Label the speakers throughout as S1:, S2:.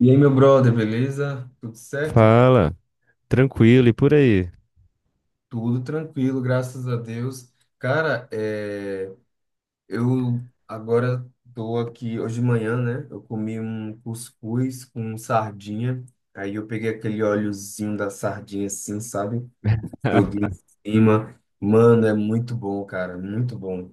S1: E aí, meu brother, beleza? Tudo certo?
S2: Fala, tranquilo e por aí.
S1: Tudo tranquilo, graças a Deus. Cara, eu agora tô aqui hoje de manhã, né? Eu comi um cuscuz com sardinha. Aí eu peguei aquele óleozinho da sardinha assim, sabe? Joguei em cima. Mano, é muito bom, cara, muito bom.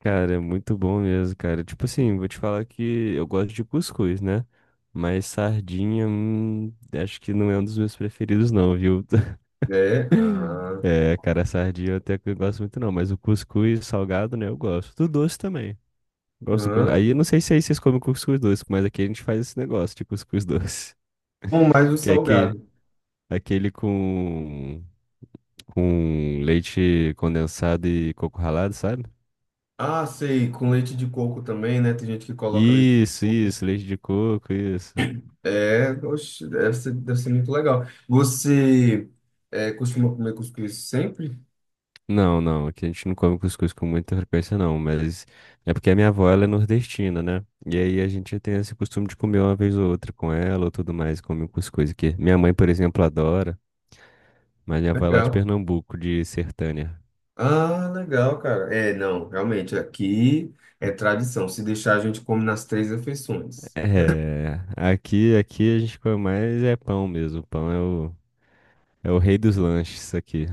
S2: Cara, é muito bom mesmo, cara. Tipo assim, vou te falar que eu gosto de cuscuz, né? Mas sardinha, acho que não é um dos meus preferidos, não, viu?
S1: É, ah,
S2: É, cara, sardinha eu até que eu gosto muito, não. Mas o cuscuz salgado, né, eu gosto. Do doce também. Gosto do
S1: ah.
S2: cuscuz. Aí eu não sei se aí vocês comem cuscuz doce, mas aqui a gente faz esse negócio de cuscuz doce.
S1: Bom, mais o
S2: Que é aquele,
S1: salgado.
S2: aquele com, com leite condensado e coco ralado, sabe?
S1: Ah, sei, com leite de coco também, né? Tem gente que coloca leite de
S2: Isso,
S1: coco.
S2: isso, leite de coco, isso.
S1: É, oxe, deve ser muito legal. Você costuma comer cuscuz sempre?
S2: Não, não, aqui a gente não come cuscuz com muita frequência, não, mas é porque a minha avó, ela é nordestina, né? E aí a gente tem esse costume de comer uma vez ou outra com ela ou tudo mais, come um cuscuz aqui. Minha mãe, por exemplo, adora, mas minha avó é lá de
S1: Legal.
S2: Pernambuco, de Sertânia.
S1: Ah, legal, cara. É, não, realmente, aqui é tradição. Se deixar, a gente come nas três refeições.
S2: É, aqui a gente come mais é pão mesmo, é o rei dos lanches aqui.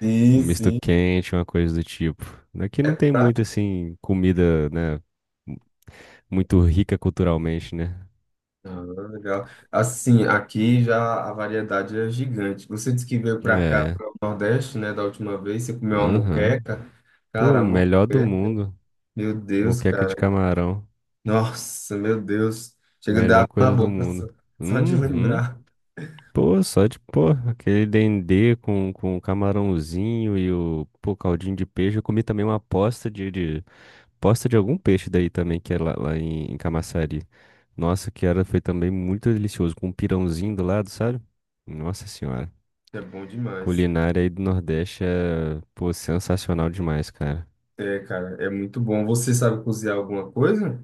S1: Sim,
S2: Um misto
S1: sim.
S2: quente, uma coisa do tipo. Aqui não tem muito,
S1: Prático.
S2: assim, comida, né? Muito rica culturalmente, né?
S1: Ah, legal. Assim, aqui já a variedade é gigante. Você disse que veio para cá,
S2: É.
S1: para o Nordeste, né, da última vez, você comeu uma
S2: Aham.
S1: moqueca. Cara,
S2: Pô,
S1: a
S2: melhor do
S1: moqueca,
S2: mundo.
S1: meu Deus,
S2: Moqueca
S1: cara.
S2: de camarão.
S1: Nossa, meu Deus. Chega a dar
S2: Melhor
S1: água na
S2: coisa do
S1: boca
S2: mundo.
S1: só, só de
S2: Uhum.
S1: lembrar.
S2: Pô, pô, aquele dendê com o camarãozinho e o, pô, caldinho de peixe. Eu comi também uma posta de algum peixe daí também, que é lá, em Camaçari. Nossa, que era, foi também muito delicioso, com um pirãozinho do lado, sabe? Nossa senhora.
S1: É bom demais.
S2: Culinária aí do Nordeste é, pô, sensacional demais, cara.
S1: É, cara, é muito bom. Você sabe cozinhar alguma coisa?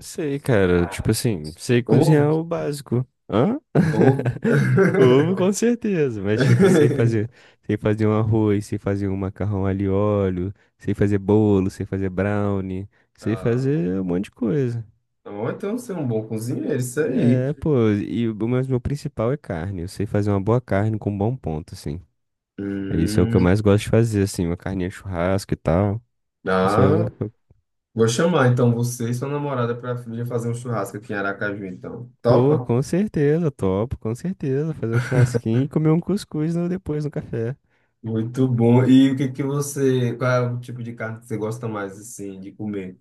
S2: Sei, cara. Tipo assim, sei
S1: Ovo?
S2: cozinhar o básico. Hã?
S1: Ovo?
S2: Ovo, com certeza. Mas, tipo, sei fazer. Sei fazer um arroz, sei fazer um macarrão alho e óleo, sei fazer bolo, sei fazer brownie, sei
S1: Ah,
S2: fazer um monte de coisa.
S1: então você é um bom cozinheiro, isso aí.
S2: É, pô. E o mas meu principal é carne. Eu sei fazer uma boa carne com um bom ponto, assim. Isso é o que eu
S1: Hum,
S2: mais gosto de fazer, assim, uma carninha de churrasco e tal. Isso
S1: ah, vou chamar então você e sua namorada para vir fazer um churrasco aqui em Aracaju, então.
S2: pô,
S1: Topa?
S2: com certeza, topo, com certeza. Fazer um churrasquinho e comer um cuscuz no- depois no café.
S1: Muito bom. E o que que você, qual é o tipo de carne que você gosta mais assim de comer?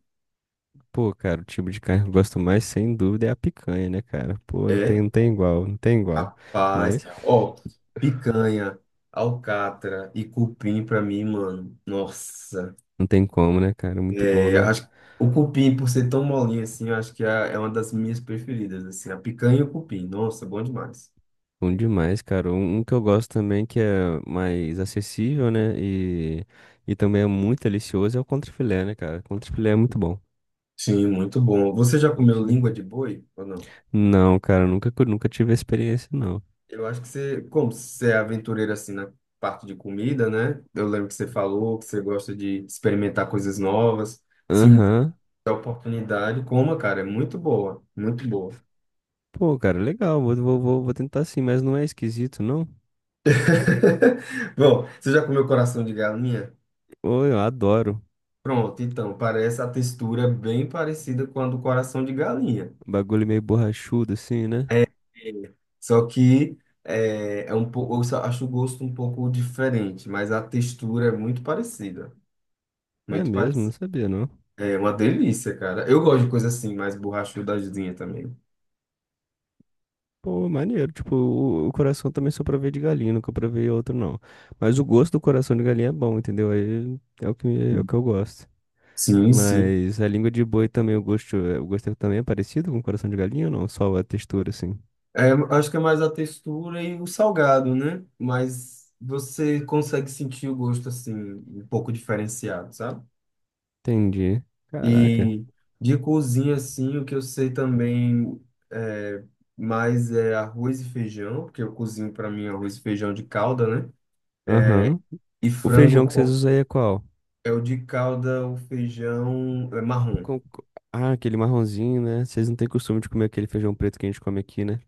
S2: Pô, cara, o tipo de carne que eu gosto mais, sem dúvida, é a picanha, né, cara? Pô,
S1: É?
S2: não tem igual, não tem igual.
S1: Rapaz,
S2: Mas
S1: ó, picanha, alcatra e cupim pra mim, mano. Nossa,
S2: não tem como, né, cara? Muito bom, né?
S1: acho que o cupim, por ser tão molinho assim, eu acho que é, é uma das minhas preferidas, assim, a picanha e o cupim. Nossa, bom demais.
S2: Bom demais, cara. Um que eu gosto também, que é mais acessível, né? E também é muito delicioso, é o contrafilé, né, cara? Contrafilé é muito bom.
S1: Sim, muito bom. Você já comeu
S2: Contrafilé.
S1: língua de boi ou não?
S2: Não, cara, nunca, cu- nunca tive experiência, não.
S1: Eu acho que você, como você é aventureiro assim na parte de comida, né? Eu lembro que você falou que você gosta de experimentar coisas novas. Se um
S2: Aham.
S1: tiver oportunidade, coma, cara, é muito boa, muito boa.
S2: Pô, cara, legal. Vou tentar sim, mas não é esquisito, não?
S1: Bom, você já comeu coração de galinha?
S2: Pô, eu adoro.
S1: Pronto, então, parece a textura bem parecida com a do coração de galinha.
S2: Bagulho meio borrachudo, assim, né?
S1: É. Só que é um pouco, eu só acho o gosto um pouco diferente, mas a textura é muito parecida.
S2: É
S1: Muito
S2: mesmo? Não
S1: parecida.
S2: sabia, não.
S1: É uma delícia, cara. Eu gosto de coisa assim, mais borrachudazinha também.
S2: Pô, maneiro. Tipo, o coração também só provei de galinha, nunca provei outro, não. Mas o gosto do coração de galinha é bom, entendeu? Aí é o que, me- é o que eu gosto.
S1: Sim, sim.
S2: Mas a língua de boi também, o gosto é- também é parecido com o coração de galinha ou não? Só a textura, assim.
S1: É, acho que é mais a textura e o salgado, né? Mas você consegue sentir o gosto assim, um pouco diferenciado, sabe?
S2: Entendi. Caraca.
S1: E de cozinha, assim, o que eu sei também é, mais é arroz e feijão, porque eu cozinho para mim arroz e feijão de calda, né?
S2: Aham.
S1: E
S2: O
S1: frango
S2: feijão que vocês
S1: com-
S2: usam aí é qual?
S1: é o de calda, o feijão é marrom.
S2: Com- co- Ah, aquele marronzinho, né? Vocês não têm costume de comer aquele feijão preto que a gente come aqui, né?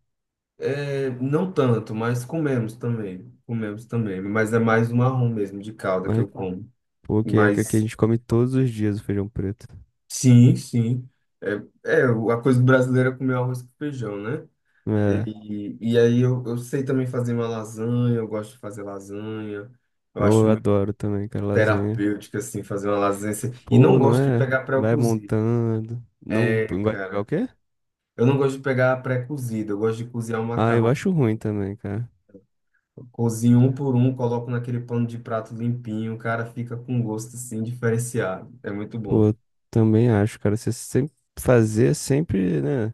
S1: É, não tanto, mas comemos também. Comemos também, mas é mais o marrom mesmo, de calda que
S2: Ah,
S1: eu como.
S2: pô, que é que aqui a
S1: Mas
S2: gente come todos os dias o feijão preto.
S1: sim, sim. É a coisa brasileira é comer arroz com feijão, né?
S2: É.
S1: Eu sei também fazer uma lasanha, eu gosto de fazer lasanha. Eu acho
S2: Eu
S1: muito
S2: adoro também, cara, lasanha.
S1: terapêutico, assim, fazer uma lasanha. Assim. E não
S2: Pô, não
S1: gosto de
S2: é?
S1: pegar
S2: Vai
S1: pré-cozido.
S2: montando. Não,
S1: É,
S2: não gosta de pegar o
S1: cara.
S2: quê?
S1: Eu não gosto de pegar pré-cozido. Eu gosto de cozinhar o
S2: Ah, eu
S1: macarrão.
S2: acho ruim também, cara.
S1: Cozinho um por um, coloco naquele pano de prato limpinho. Cara, fica com gosto, assim, diferenciado. É muito bom.
S2: Pô, eu também acho, cara. Você sempre fazer é sempre, né?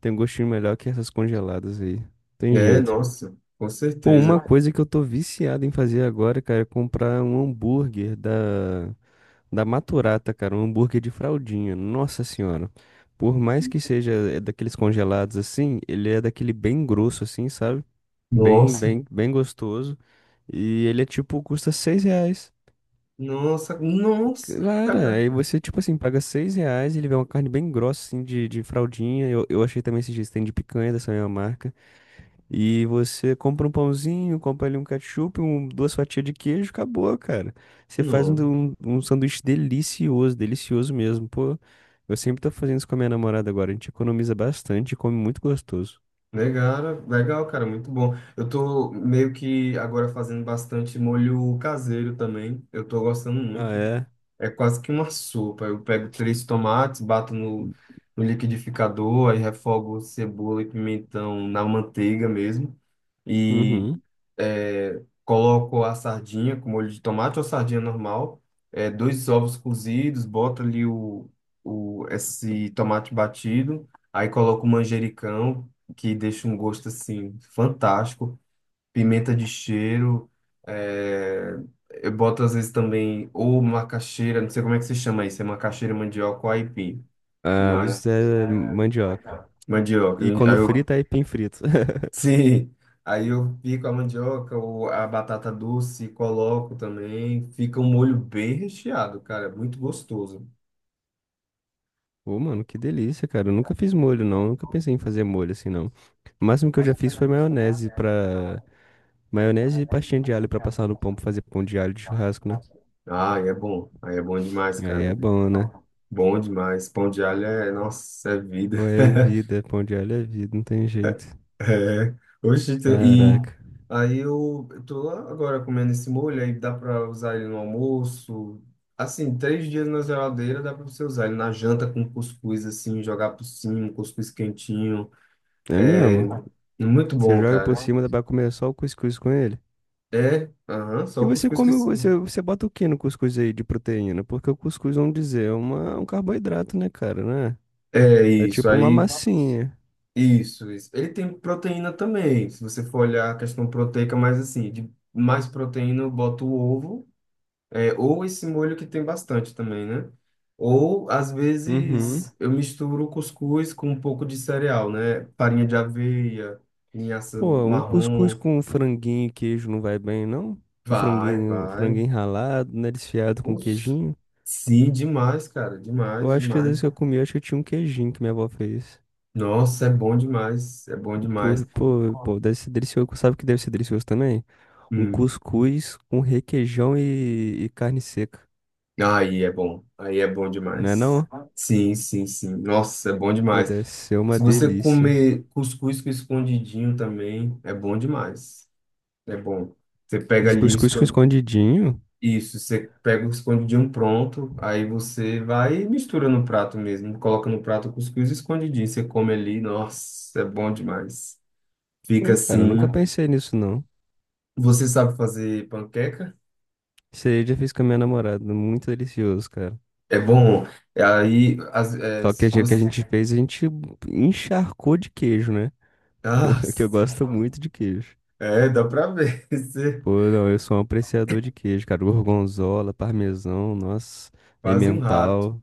S2: Tem um gostinho melhor que essas congeladas aí. Tem
S1: É,
S2: jeito.
S1: nossa, com
S2: Pô, uma
S1: certeza.
S2: coisa que eu tô viciado em fazer agora, cara, é comprar um da Maturata, cara, um hambúrguer de fraldinha. Nossa senhora. Por mais que seja é daqueles congelados assim, ele é daquele bem grosso assim, sabe? Bem,
S1: Nossa,
S2: bem, bem gostoso. E ele é tipo, custa seis reais.
S1: nossa,
S2: Cara,
S1: cara.
S2: aí você, tipo assim, paga seis reais, ele vem uma carne bem grossa, assim, de fraldinha. Eu achei também esses dias tem de picanha dessa mesma marca. E você compra um pãozinho, compra ali um ketchup, um, duas fatias de queijo, acabou, cara. Você faz um sanduíche delicioso, delicioso mesmo. Pô, eu sempre tô fazendo isso com a minha namorada agora. A gente economiza bastante e come muito gostoso.
S1: Legal, legal, cara, muito bom. Eu tô meio que agora fazendo bastante molho caseiro também. Eu tô gostando
S2: Ah,
S1: muito.
S2: é?
S1: É quase que uma sopa. Eu pego três tomates, bato no, no liquidificador, aí refogo cebola e pimentão na manteiga mesmo. E
S2: Uhum.
S1: coloco a sardinha com molho de tomate ou sardinha normal, dois ovos cozidos, boto ali o, esse tomate batido, aí coloco o manjericão, que deixa um gosto assim fantástico, pimenta de cheiro, é, eu boto às vezes também ou macaxeira, não sei como é que se chama isso, é macaxeira, mandioca ou aipim,
S2: Ah, o
S1: mas
S2: Zé mandioca.
S1: mandioca,
S2: E
S1: aí
S2: quando
S1: eu
S2: frita, aipim frito.
S1: Sim, aí eu pico a mandioca ou a batata doce, coloco também. Fica um molho bem recheado, cara. É Muito gostoso.
S2: Ô, mano, que delícia, cara. Eu nunca fiz molho, não. Nunca pensei em fazer molho assim, não. O máximo que eu já fiz foi maionese pra Maionese e pastinha de alho pra passar no pão pra fazer pão de alho de churrasco, né?
S1: Ah, é bom. Aí é bom demais,
S2: Aí
S1: cara.
S2: é bom, né?
S1: Bom demais. Pão de alho é, nossa, é vida.
S2: Pô, é vida, pão de alho é vida, não tem jeito.
S1: É. Oxe, então, e
S2: Caraca.
S1: aí eu tô agora comendo esse molho, aí dá pra usar ele no almoço. Assim, três dias na geladeira dá pra você usar ele na janta com cuscuz, assim, jogar por cima, um cuscuz quentinho.
S2: É
S1: É
S2: mesmo?
S1: muito
S2: Você
S1: bom,
S2: joga por
S1: cara.
S2: cima, dá pra comer só o cuscuz com ele.
S1: É, aham, só
S2: E
S1: o
S2: você
S1: cuscuz que
S2: come, o-
S1: sim.
S2: você, você bota o que no cuscuz aí de proteína? Porque o cuscuz, vamos dizer, é uma, um carboidrato, né, cara, né?
S1: É
S2: É
S1: isso,
S2: tipo uma
S1: aí.
S2: massinha.
S1: Isso, isso. Ele tem proteína também. Se você for olhar a questão proteica, mas assim, de mais proteína, eu boto o ovo, ou esse molho que tem bastante também, né? Ou, às
S2: Uhum.
S1: vezes, eu misturo o cuscuz com um pouco de cereal, né? Farinha de aveia, linhaça
S2: Pô, um
S1: marrom.
S2: cuscuz com franguinho e queijo não vai bem, não?
S1: Vai,
S2: Um
S1: vai.
S2: franguinho ralado, né, desfiado com
S1: Oxe,
S2: queijinho.
S1: Sim, demais, cara.
S2: Eu
S1: Demais,
S2: acho que às vezes
S1: demais.
S2: que eu comi, eu acho que tinha um queijinho que minha avó fez.
S1: Nossa, é bom demais. É bom
S2: Pô,
S1: demais.
S2: pô, pô, deve ser delicioso. Sabe o que deve ser delicioso também? Um cuscuz com requeijão e carne seca.
S1: Aí é bom
S2: Não é
S1: demais.
S2: não?
S1: Sim, sim, sim. Nossa, é bom
S2: Pô,
S1: demais.
S2: deve ser uma
S1: Se você
S2: delícia.
S1: comer cuscuz com escondidinho também, é bom demais. É bom. Você pega
S2: E
S1: ali o
S2: cuscuz com
S1: escon-
S2: escondidinho?
S1: isso, você pega o escondidinho pronto, aí você vai e mistura no prato mesmo, coloca no prato o cuscuz e escondidinho, você come ali, nossa, é bom demais. Fica
S2: Pô, cara, eu
S1: assim.
S2: nunca pensei nisso, não.
S1: Você sabe fazer panqueca?
S2: Isso aí eu já fiz com a minha namorada. Muito delicioso, cara.
S1: É bom. Aí, as, é,
S2: Só que
S1: se
S2: a gente- o que a
S1: você...
S2: gente fez, a gente encharcou de queijo, né?
S1: Ah,
S2: Que eu gosto muito de queijo.
S1: É, dá pra ver. Você é
S2: Pô, não, eu sou um apreciador de queijo, cara. Gorgonzola, parmesão, nossa,
S1: quase um rato.
S2: emmental.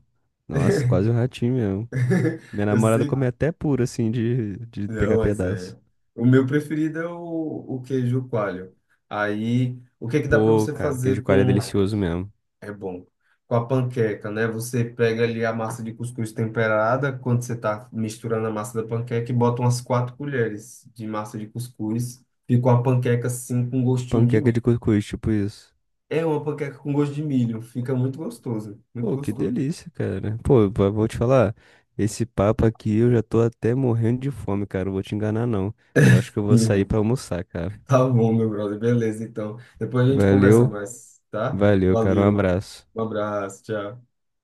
S2: Nossa, quase um ratinho mesmo. Minha
S1: Eu
S2: namorada
S1: sei.
S2: come até puro, assim, de
S1: Não,
S2: pegar
S1: mas é.
S2: pedaço.
S1: O meu preferido é o queijo coalho. Aí, o que é que dá pra
S2: Pô,
S1: você
S2: cara, queijo
S1: fazer
S2: coalho é
S1: com.
S2: delicioso mesmo.
S1: É bom. Com a panqueca, né? Você pega ali a massa de cuscuz temperada, quando você tá misturando a massa da panqueca, e bota umas quatro colheres de massa de cuscuz. Fica uma panqueca assim, com gostinho de
S2: Panqueca
S1: milho.
S2: de cuscuz, tipo isso.
S1: É uma panqueca com gosto de milho. Fica muito gostoso. Muito
S2: Pô, que
S1: gostoso.
S2: delícia, cara. Pô, vou te falar, esse papo aqui eu já tô até morrendo de fome, cara. Não vou te enganar, não. Eu acho que eu vou sair pra almoçar, cara.
S1: Tá bom, meu brother. Beleza, então. Depois a gente conversa
S2: Valeu,
S1: mais, tá?
S2: valeu, cara. Um
S1: Valeu.
S2: abraço.
S1: Um abraço, tchau.